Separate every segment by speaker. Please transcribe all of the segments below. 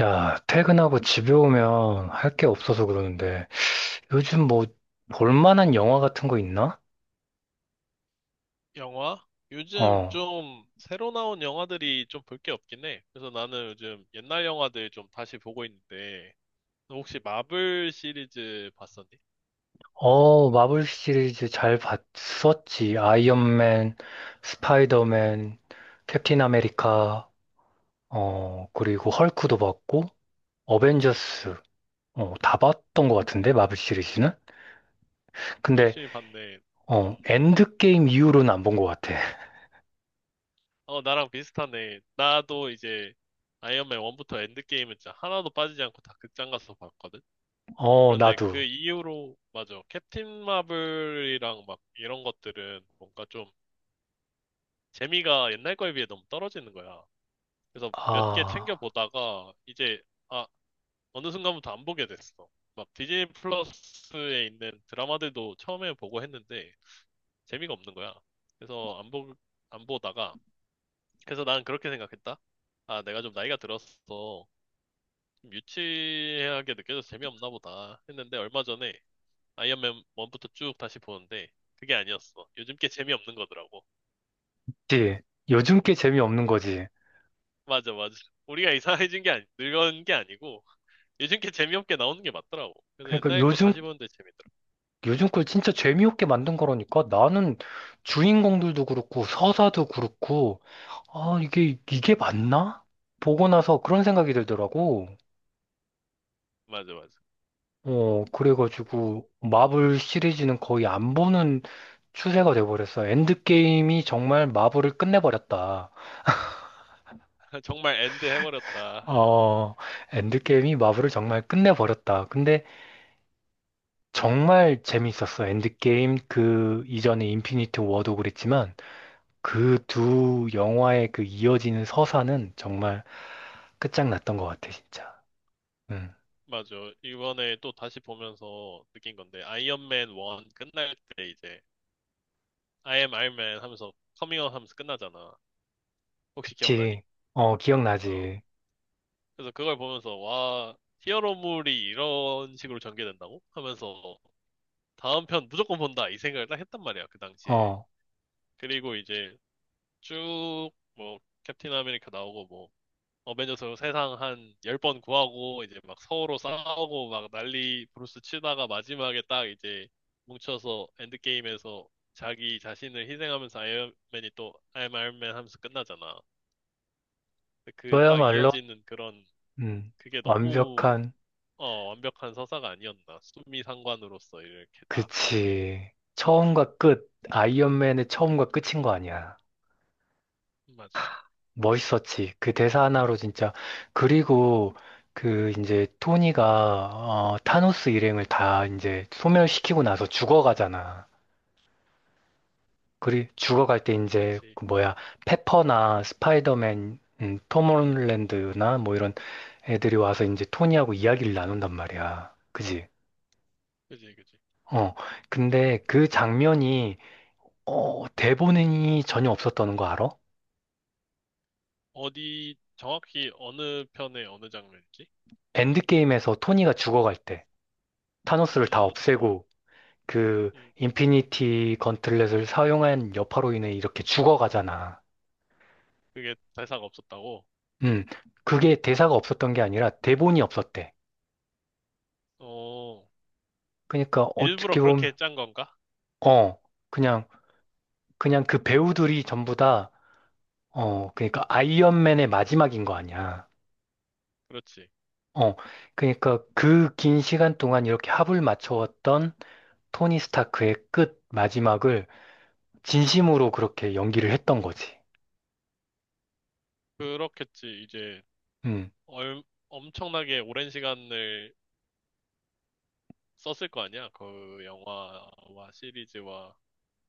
Speaker 1: 야, 퇴근하고 집에 오면 할 게 없어서 그러는데, 요즘 뭐, 볼만한 영화 같은 거 있나?
Speaker 2: 영화? 요즘
Speaker 1: 어,
Speaker 2: 좀 새로 나온 영화들이 좀 볼 게 없긴 해. 그래서 나는 요즘 옛날 영화들 좀 다시 보고 있는데, 너 혹시 마블 시리즈 봤었니?
Speaker 1: 어, 마블 시리즈 잘 봤었지. 아이언맨, 스파이더맨, 캡틴 아메리카, 그리고 헐크도 봤고, 어벤져스, 다 봤던 것 같은데, 마블 시리즈는? 근데,
Speaker 2: 열심히 봤네. 음.
Speaker 1: 엔드게임 이후로는 안 본 것 같아.
Speaker 2: 어, 나랑 비슷하네. 나도 이제 아이언맨 1부터 엔드게임은 진짜 하나도 빠지지 않고 다 극장 가서 봤거든?
Speaker 1: 어,
Speaker 2: 그런데 그
Speaker 1: 나도.
Speaker 2: 이후로, 맞아. 캡틴 마블이랑 막 이런 것들은 뭔가 좀 재미가 옛날 거에 비해 너무 떨어지는 거야. 그래서 몇 개
Speaker 1: 아,
Speaker 2: 챙겨보다가 이제 아, 어느 순간부터 안 보게 됐어. 막 디즈니 플러스에 있는 드라마들도 처음에 보고 했는데 재미가 없는 거야. 그래서 안 보, 안 보다가 그래서 난 그렇게 생각했다. 아, 내가 좀 나이가 들었어. 좀 유치하게 느껴져서 재미없나 보다 했는데 얼마 전에 아이언맨 1부터 쭉 다시 보는데 그게 아니었어. 요즘 게 재미없는 거더라고.
Speaker 1: 그치. 요즘 게 재미없는 거지.
Speaker 2: 맞아, 맞아. 우리가 이상해진 게 아니, 늙은 게 아니고 요즘 게 재미없게 나오는 게 맞더라고. 그래서
Speaker 1: 그러니까
Speaker 2: 옛날 거
Speaker 1: 요즘
Speaker 2: 다시 보는데 재밌더라고.
Speaker 1: 요즘 걸 진짜 재미없게 만든 거라니까 나는 주인공들도 그렇고 서사도 그렇고 아 이게 맞나? 보고 나서 그런 생각이 들더라고.
Speaker 2: 맞아, 맞아.
Speaker 1: 그래가지고 마블 시리즈는 거의 안 보는 추세가 돼버렸어. 엔드게임이 정말 마블을 끝내버렸다.
Speaker 2: 정말 엔드 해버렸다.
Speaker 1: 어 엔드게임이 마블을 정말 끝내버렸다. 근데 정말 재밌었어. 엔드게임 그 이전에 인피니트 워도 그랬지만. 그 두 영화의 그 이어지는 서사는 정말 끝장났던 것 같아, 진짜. 응.
Speaker 2: 맞아. 이번에 또 다시 보면서 느낀 건데, 아이언맨 1 끝날 때 이제, I am Iron Man 하면서, 커밍아웃 하면서 끝나잖아. 혹시 기억나니?
Speaker 1: 그치. 어,
Speaker 2: 어.
Speaker 1: 기억나지.
Speaker 2: 그래서 그걸 보면서, 와, 히어로물이 이런 식으로 전개된다고? 하면서, 다음 편 무조건 본다. 이 생각을 딱 했단 말이야, 그 당시에.
Speaker 1: 어,
Speaker 2: 그리고 이제, 쭉, 캡틴 아메리카 나오고, 어벤져스 세상 한 10번 구하고 이제 막 서로 싸우고 막 난리 브루스 치다가 마지막에 딱 이제 뭉쳐서 엔드게임에서 자기 자신을 희생하면서 아이언맨이 또 I'm Iron Man 하면서 끝나잖아. 그 딱
Speaker 1: 그야말로,
Speaker 2: 이어지는 그런
Speaker 1: 음,
Speaker 2: 그게 너무
Speaker 1: 완벽한,
Speaker 2: 완벽한 서사가 아니었나. 수미 상관으로서 이렇게 딱 하는 게
Speaker 1: 그치. 처음과 끝, 아이언맨의 처음과 끝인 거 아니야.
Speaker 2: 맞아.
Speaker 1: 멋있었지. 그 대사 하나로 진짜. 그리고 그 이제 토니가, 타노스 일행을 다 이제 소멸시키고 나서 죽어가잖아. 그리 죽어갈 때 이제
Speaker 2: 그치.
Speaker 1: 그 뭐야 페퍼나 스파이더맨, 톰 홀랜드나 뭐 이런 애들이 와서 이제 토니하고 이야기를 나눈단 말이야. 그지?
Speaker 2: 그치.
Speaker 1: 어. 근데 그 장면이 대본이 전혀 없었다는 거 알아?
Speaker 2: 어디 정확히 어느 편의 어느 장면이지?
Speaker 1: 엔드게임에서 토니가 죽어갈 때 타노스를 다
Speaker 2: 음, 음,
Speaker 1: 없애고 그
Speaker 2: 음.
Speaker 1: 인피니티 건틀렛을 사용한 여파로 인해 이렇게 죽어가잖아.
Speaker 2: 그게 대사가 없었다고?
Speaker 1: 음. 그게 대사가 없었던 게 아니라 대본이 없었대.
Speaker 2: 어,
Speaker 1: 그러니까
Speaker 2: 일부러
Speaker 1: 어떻게 보면
Speaker 2: 그렇게 짠 건가?
Speaker 1: 어, 그냥, 그냥 그 배우들이 전부 다, 그러니까 아이언맨의 마지막인 거 아니야.
Speaker 2: 그렇지.
Speaker 1: 어, 그러니까 그 긴 시간 동안 이렇게 합을 맞춰왔던 토니 스타크의 끝 마지막을 진심으로 그렇게 연기를 했던 거지.
Speaker 2: 그렇겠지. 이제
Speaker 1: 음,
Speaker 2: 얼, 엄청나게 오랜 시간을 썼을 거 아니야? 그 영화와 시리즈와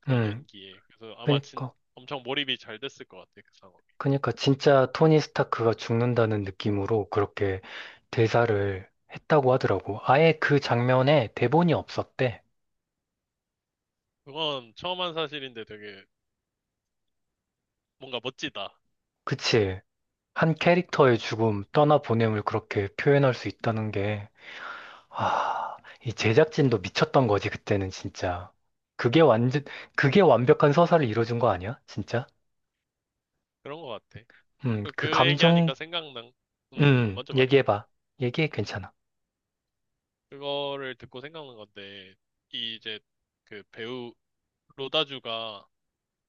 Speaker 2: 그런
Speaker 1: 음,
Speaker 2: 연기에.
Speaker 1: 그러니까,
Speaker 2: 엄청 몰입이 잘 됐을 것 같아, 그 상황이.
Speaker 1: 그러니까 진짜 토니 스타크가 죽는다는 느낌으로 그렇게 대사를 했다고 하더라고. 아예 그 장면에 대본이 없었대.
Speaker 2: 그건 처음 한 사실인데 되게 뭔가 멋지다.
Speaker 1: 그치? 한 캐릭터의 죽음, 떠나보냄을 그렇게 표현할 수 있다는 게, 아, 이 제작진도 미쳤던 거지, 그때는 진짜. 그게 완전, 그게 완벽한 서사를 이뤄준 거 아니야? 진짜?
Speaker 2: 그런 것 같아.
Speaker 1: 그
Speaker 2: 그
Speaker 1: 감정,
Speaker 2: 얘기하니까 먼저 말해.
Speaker 1: 얘기해봐. 얘기해, 괜찮아.
Speaker 2: 그거를 듣고 생각난 건데, 이 이제 그 배우 로다주가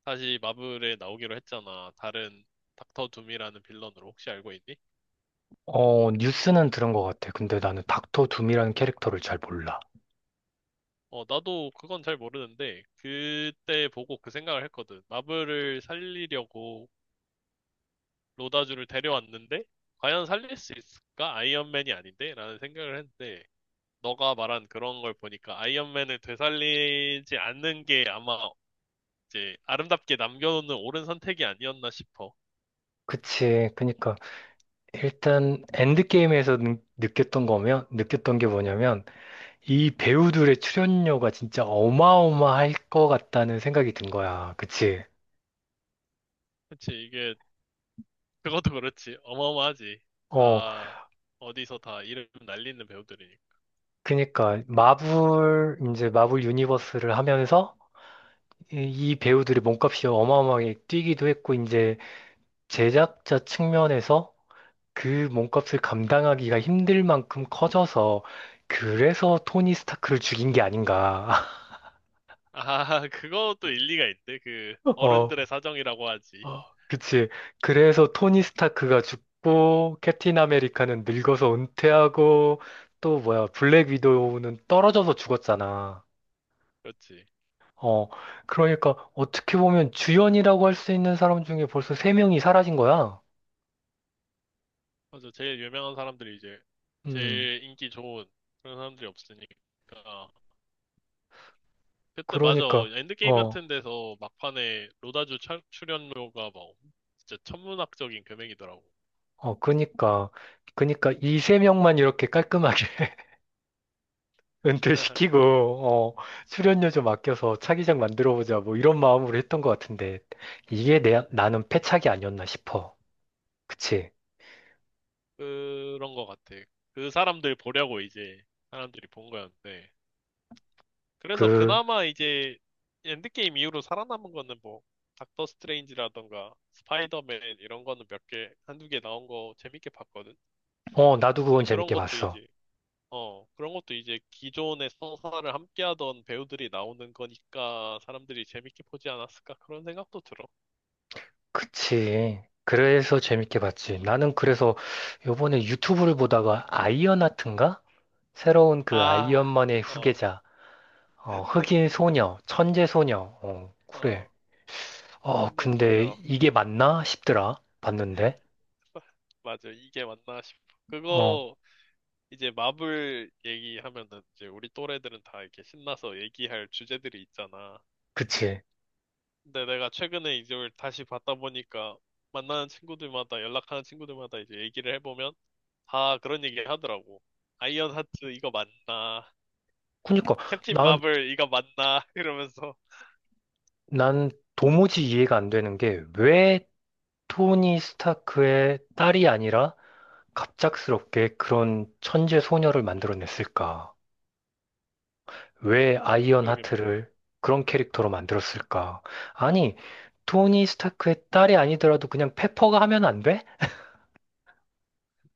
Speaker 2: 다시 마블에 나오기로 했잖아. 다른 닥터 둠이라는 빌런으로 혹시 알고 있니?
Speaker 1: 어, 뉴스는 들은 것 같아. 근데 나는 닥터 둠이라는 캐릭터를 잘 몰라.
Speaker 2: 어, 나도 그건 잘 모르는데 그때 보고 그 생각을 했거든. 마블을 살리려고 로다주를 데려왔는데 과연 살릴 수 있을까? 아이언맨이 아닌데? 라는 생각을 했는데 너가 말한 그런 걸 보니까 아이언맨을 되살리지 않는 게 아마 이제 아름답게 남겨놓는 옳은 선택이 아니었나 싶어.
Speaker 1: 그치. 그니까, 일단, 엔드게임에서 느꼈던 거면, 느꼈던 게 뭐냐면, 이 배우들의 출연료가 진짜 어마어마할 것 같다는 생각이 든 거야. 그치?
Speaker 2: 그치, 이게 그것도 그렇지. 어마어마하지.
Speaker 1: 어,
Speaker 2: 아, 어디서 다 이름 날리는 배우들이니까.
Speaker 1: 그니까, 이제 마블 유니버스를 하면서 이이 배우들의 몸값이 어마어마하게 뛰기도 했고, 이제 제작자 측면에서 그 몸값을 감당하기가 힘들 만큼 커져서, 그래서 토니 스타크를 죽인 게 아닌가.
Speaker 2: 아, 그것도 일리가 있대. 그,
Speaker 1: 어,
Speaker 2: 어른들의 사정이라고 하지.
Speaker 1: 어, 그치. 그래서 토니 스타크가 죽고, 캡틴 아메리카는 늙어서 은퇴하고, 또 뭐야, 블랙 위도우는 떨어져서 죽었잖아.
Speaker 2: 그렇지.
Speaker 1: 어, 그러니까 어떻게 보면 주연이라고 할 수 있는 사람 중에 벌써 세명이 사라진 거야.
Speaker 2: 맞아. 제일 유명한 사람들이 이제,
Speaker 1: 음,
Speaker 2: 제일 인기 좋은 그런 사람들이 없으니까. 그때, 맞아.
Speaker 1: 그러니까,
Speaker 2: 엔드게임
Speaker 1: 어,
Speaker 2: 같은 데서 막판에 출연료가 막, 진짜 천문학적인 금액이더라고.
Speaker 1: 어, 그니까, 그니까 이 세명만 이렇게 깔끔하게 은퇴시키고, 출연료 좀 아껴서 차기작 만들어보자, 뭐 이런 마음으로 했던 것 같은데, 나는 패착이 아니었나 싶어. 그치.
Speaker 2: 그런 거 같아. 그 사람들 보려고 이제, 사람들이 본 거였는데. 그래서
Speaker 1: 그,
Speaker 2: 그나마 이제 엔드게임 이후로 살아남은 거는 뭐 닥터 스트레인지라던가 스파이더맨 이런 거는 몇 개, 한 두 개 나온 거 재밌게 봤거든.
Speaker 1: 나도 그건
Speaker 2: 근데 그런
Speaker 1: 재밌게
Speaker 2: 것도
Speaker 1: 봤어.
Speaker 2: 이제 기존의 서사를 함께하던 배우들이 나오는 거니까 사람들이 재밌게 보지 않았을까 그런 생각도 들어.
Speaker 1: 그치. 그래서 재밌게 봤지. 나는 그래서 요번에 유튜브를 보다가 아이언하트인가? 새로운 그
Speaker 2: 아,
Speaker 1: 아이언만의
Speaker 2: 어,
Speaker 1: 후계자, 흑인 소녀, 천재 소녀, 그래.
Speaker 2: 어, 천재
Speaker 1: 근데
Speaker 2: 소녀.
Speaker 1: 이게 맞나 싶더라. 봤는데.
Speaker 2: 맞아, 이게 맞나 싶어.
Speaker 1: 어,
Speaker 2: 그거 이제 마블 얘기하면은 이제 우리 또래들은 다 이렇게 신나서 얘기할 주제들이 있잖아.
Speaker 1: 그치.
Speaker 2: 근데 내가 최근에 이걸 다시 봤다 보니까 만나는 친구들마다 연락하는 친구들마다 이제 얘기를 해보면 다 그런 얘기 하더라고. 아이언 하트 이거 맞나?
Speaker 1: 그니까,
Speaker 2: 캡틴
Speaker 1: 난,
Speaker 2: 마블 이거 맞나? 이러면서
Speaker 1: 난 도무지 이해가 안 되는 게 왜 토니 스타크의 딸이 아니라 갑작스럽게 그런 천재 소녀를 만들어냈을까? 왜 아이언
Speaker 2: 그러게 말이야.
Speaker 1: 하트를 그런 캐릭터로 만들었을까? 아니, 토니 스타크의 딸이 아니더라도 그냥 페퍼가 하면 안 돼?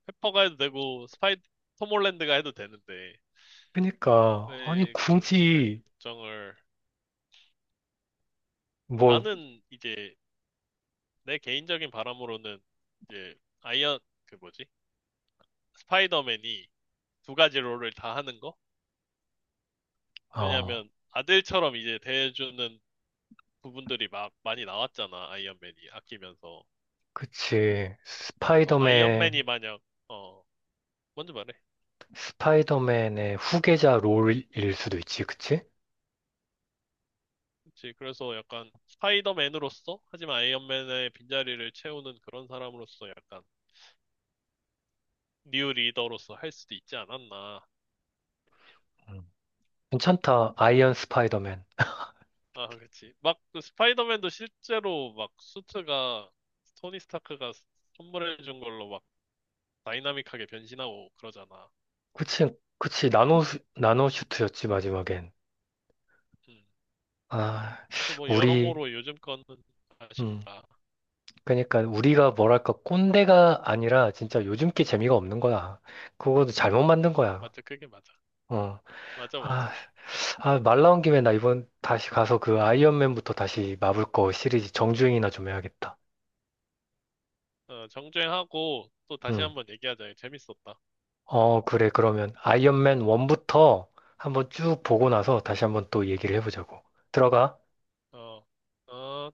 Speaker 2: 페퍼가 해도 되고 스파이 톰 홀랜드가 해도 되는데
Speaker 1: 그러니까, 아니,
Speaker 2: 왜 그런
Speaker 1: 굳이,
Speaker 2: 결정을
Speaker 1: 뭐,
Speaker 2: 나는 이제 내 개인적인 바람으로는 이제 아이언 그 뭐지? 스파이더맨이 두 가지 롤을 다 하는 거?
Speaker 1: 어,
Speaker 2: 왜냐면 아들처럼 이제 대해주는 부분들이 막 많이 나왔잖아, 아이언맨이 아끼면서.
Speaker 1: 그치.
Speaker 2: 그래서 아이언맨이 만약, 어, 뭔지 말해.
Speaker 1: 스파이더맨의 후계자 롤일 수도 있지, 그치?
Speaker 2: 그치. 그래서 약간 스파이더맨으로서, 하지만 아이언맨의 빈자리를 채우는 그런 사람으로서 약간 뉴 리더로서 할 수도 있지 않았나.
Speaker 1: 음. 괜찮다. 아이언 스파이더맨.
Speaker 2: 아, 그치. 막그 스파이더맨도 실제로 막 수트가 토니 스타크가 선물해준 걸로 막 다이나믹하게 변신하고 그러잖아.
Speaker 1: 그치, 그치. 나노슈트였지, 마지막엔.
Speaker 2: 음.
Speaker 1: 아,
Speaker 2: 그래서 뭐
Speaker 1: 우리,
Speaker 2: 여러모로 요즘 거는
Speaker 1: 음,
Speaker 2: 아쉽다.
Speaker 1: 그러니까 우리가 뭐랄까 꼰대가 아니라 진짜 요즘 게 재미가 없는 거야. 그것도 잘못 만든 거야.
Speaker 2: 맞아, 그게 맞아.
Speaker 1: 어.
Speaker 2: 맞아,
Speaker 1: 아,
Speaker 2: 맞아.
Speaker 1: 아, 말 나온 김에 나 이번 다시 가서 그 아이언맨부터 다시 마블 거 시리즈 정주행이나 좀 해야겠다.
Speaker 2: 어, 정주행하고 또 다시
Speaker 1: 응.
Speaker 2: 한번 얘기하자. 재밌었다.
Speaker 1: 어, 그래. 그러면 아이언맨 1부터 한번 쭉 보고 나서 다시 한번 또 얘기를 해보자고. 들어가.
Speaker 2: 어, 어.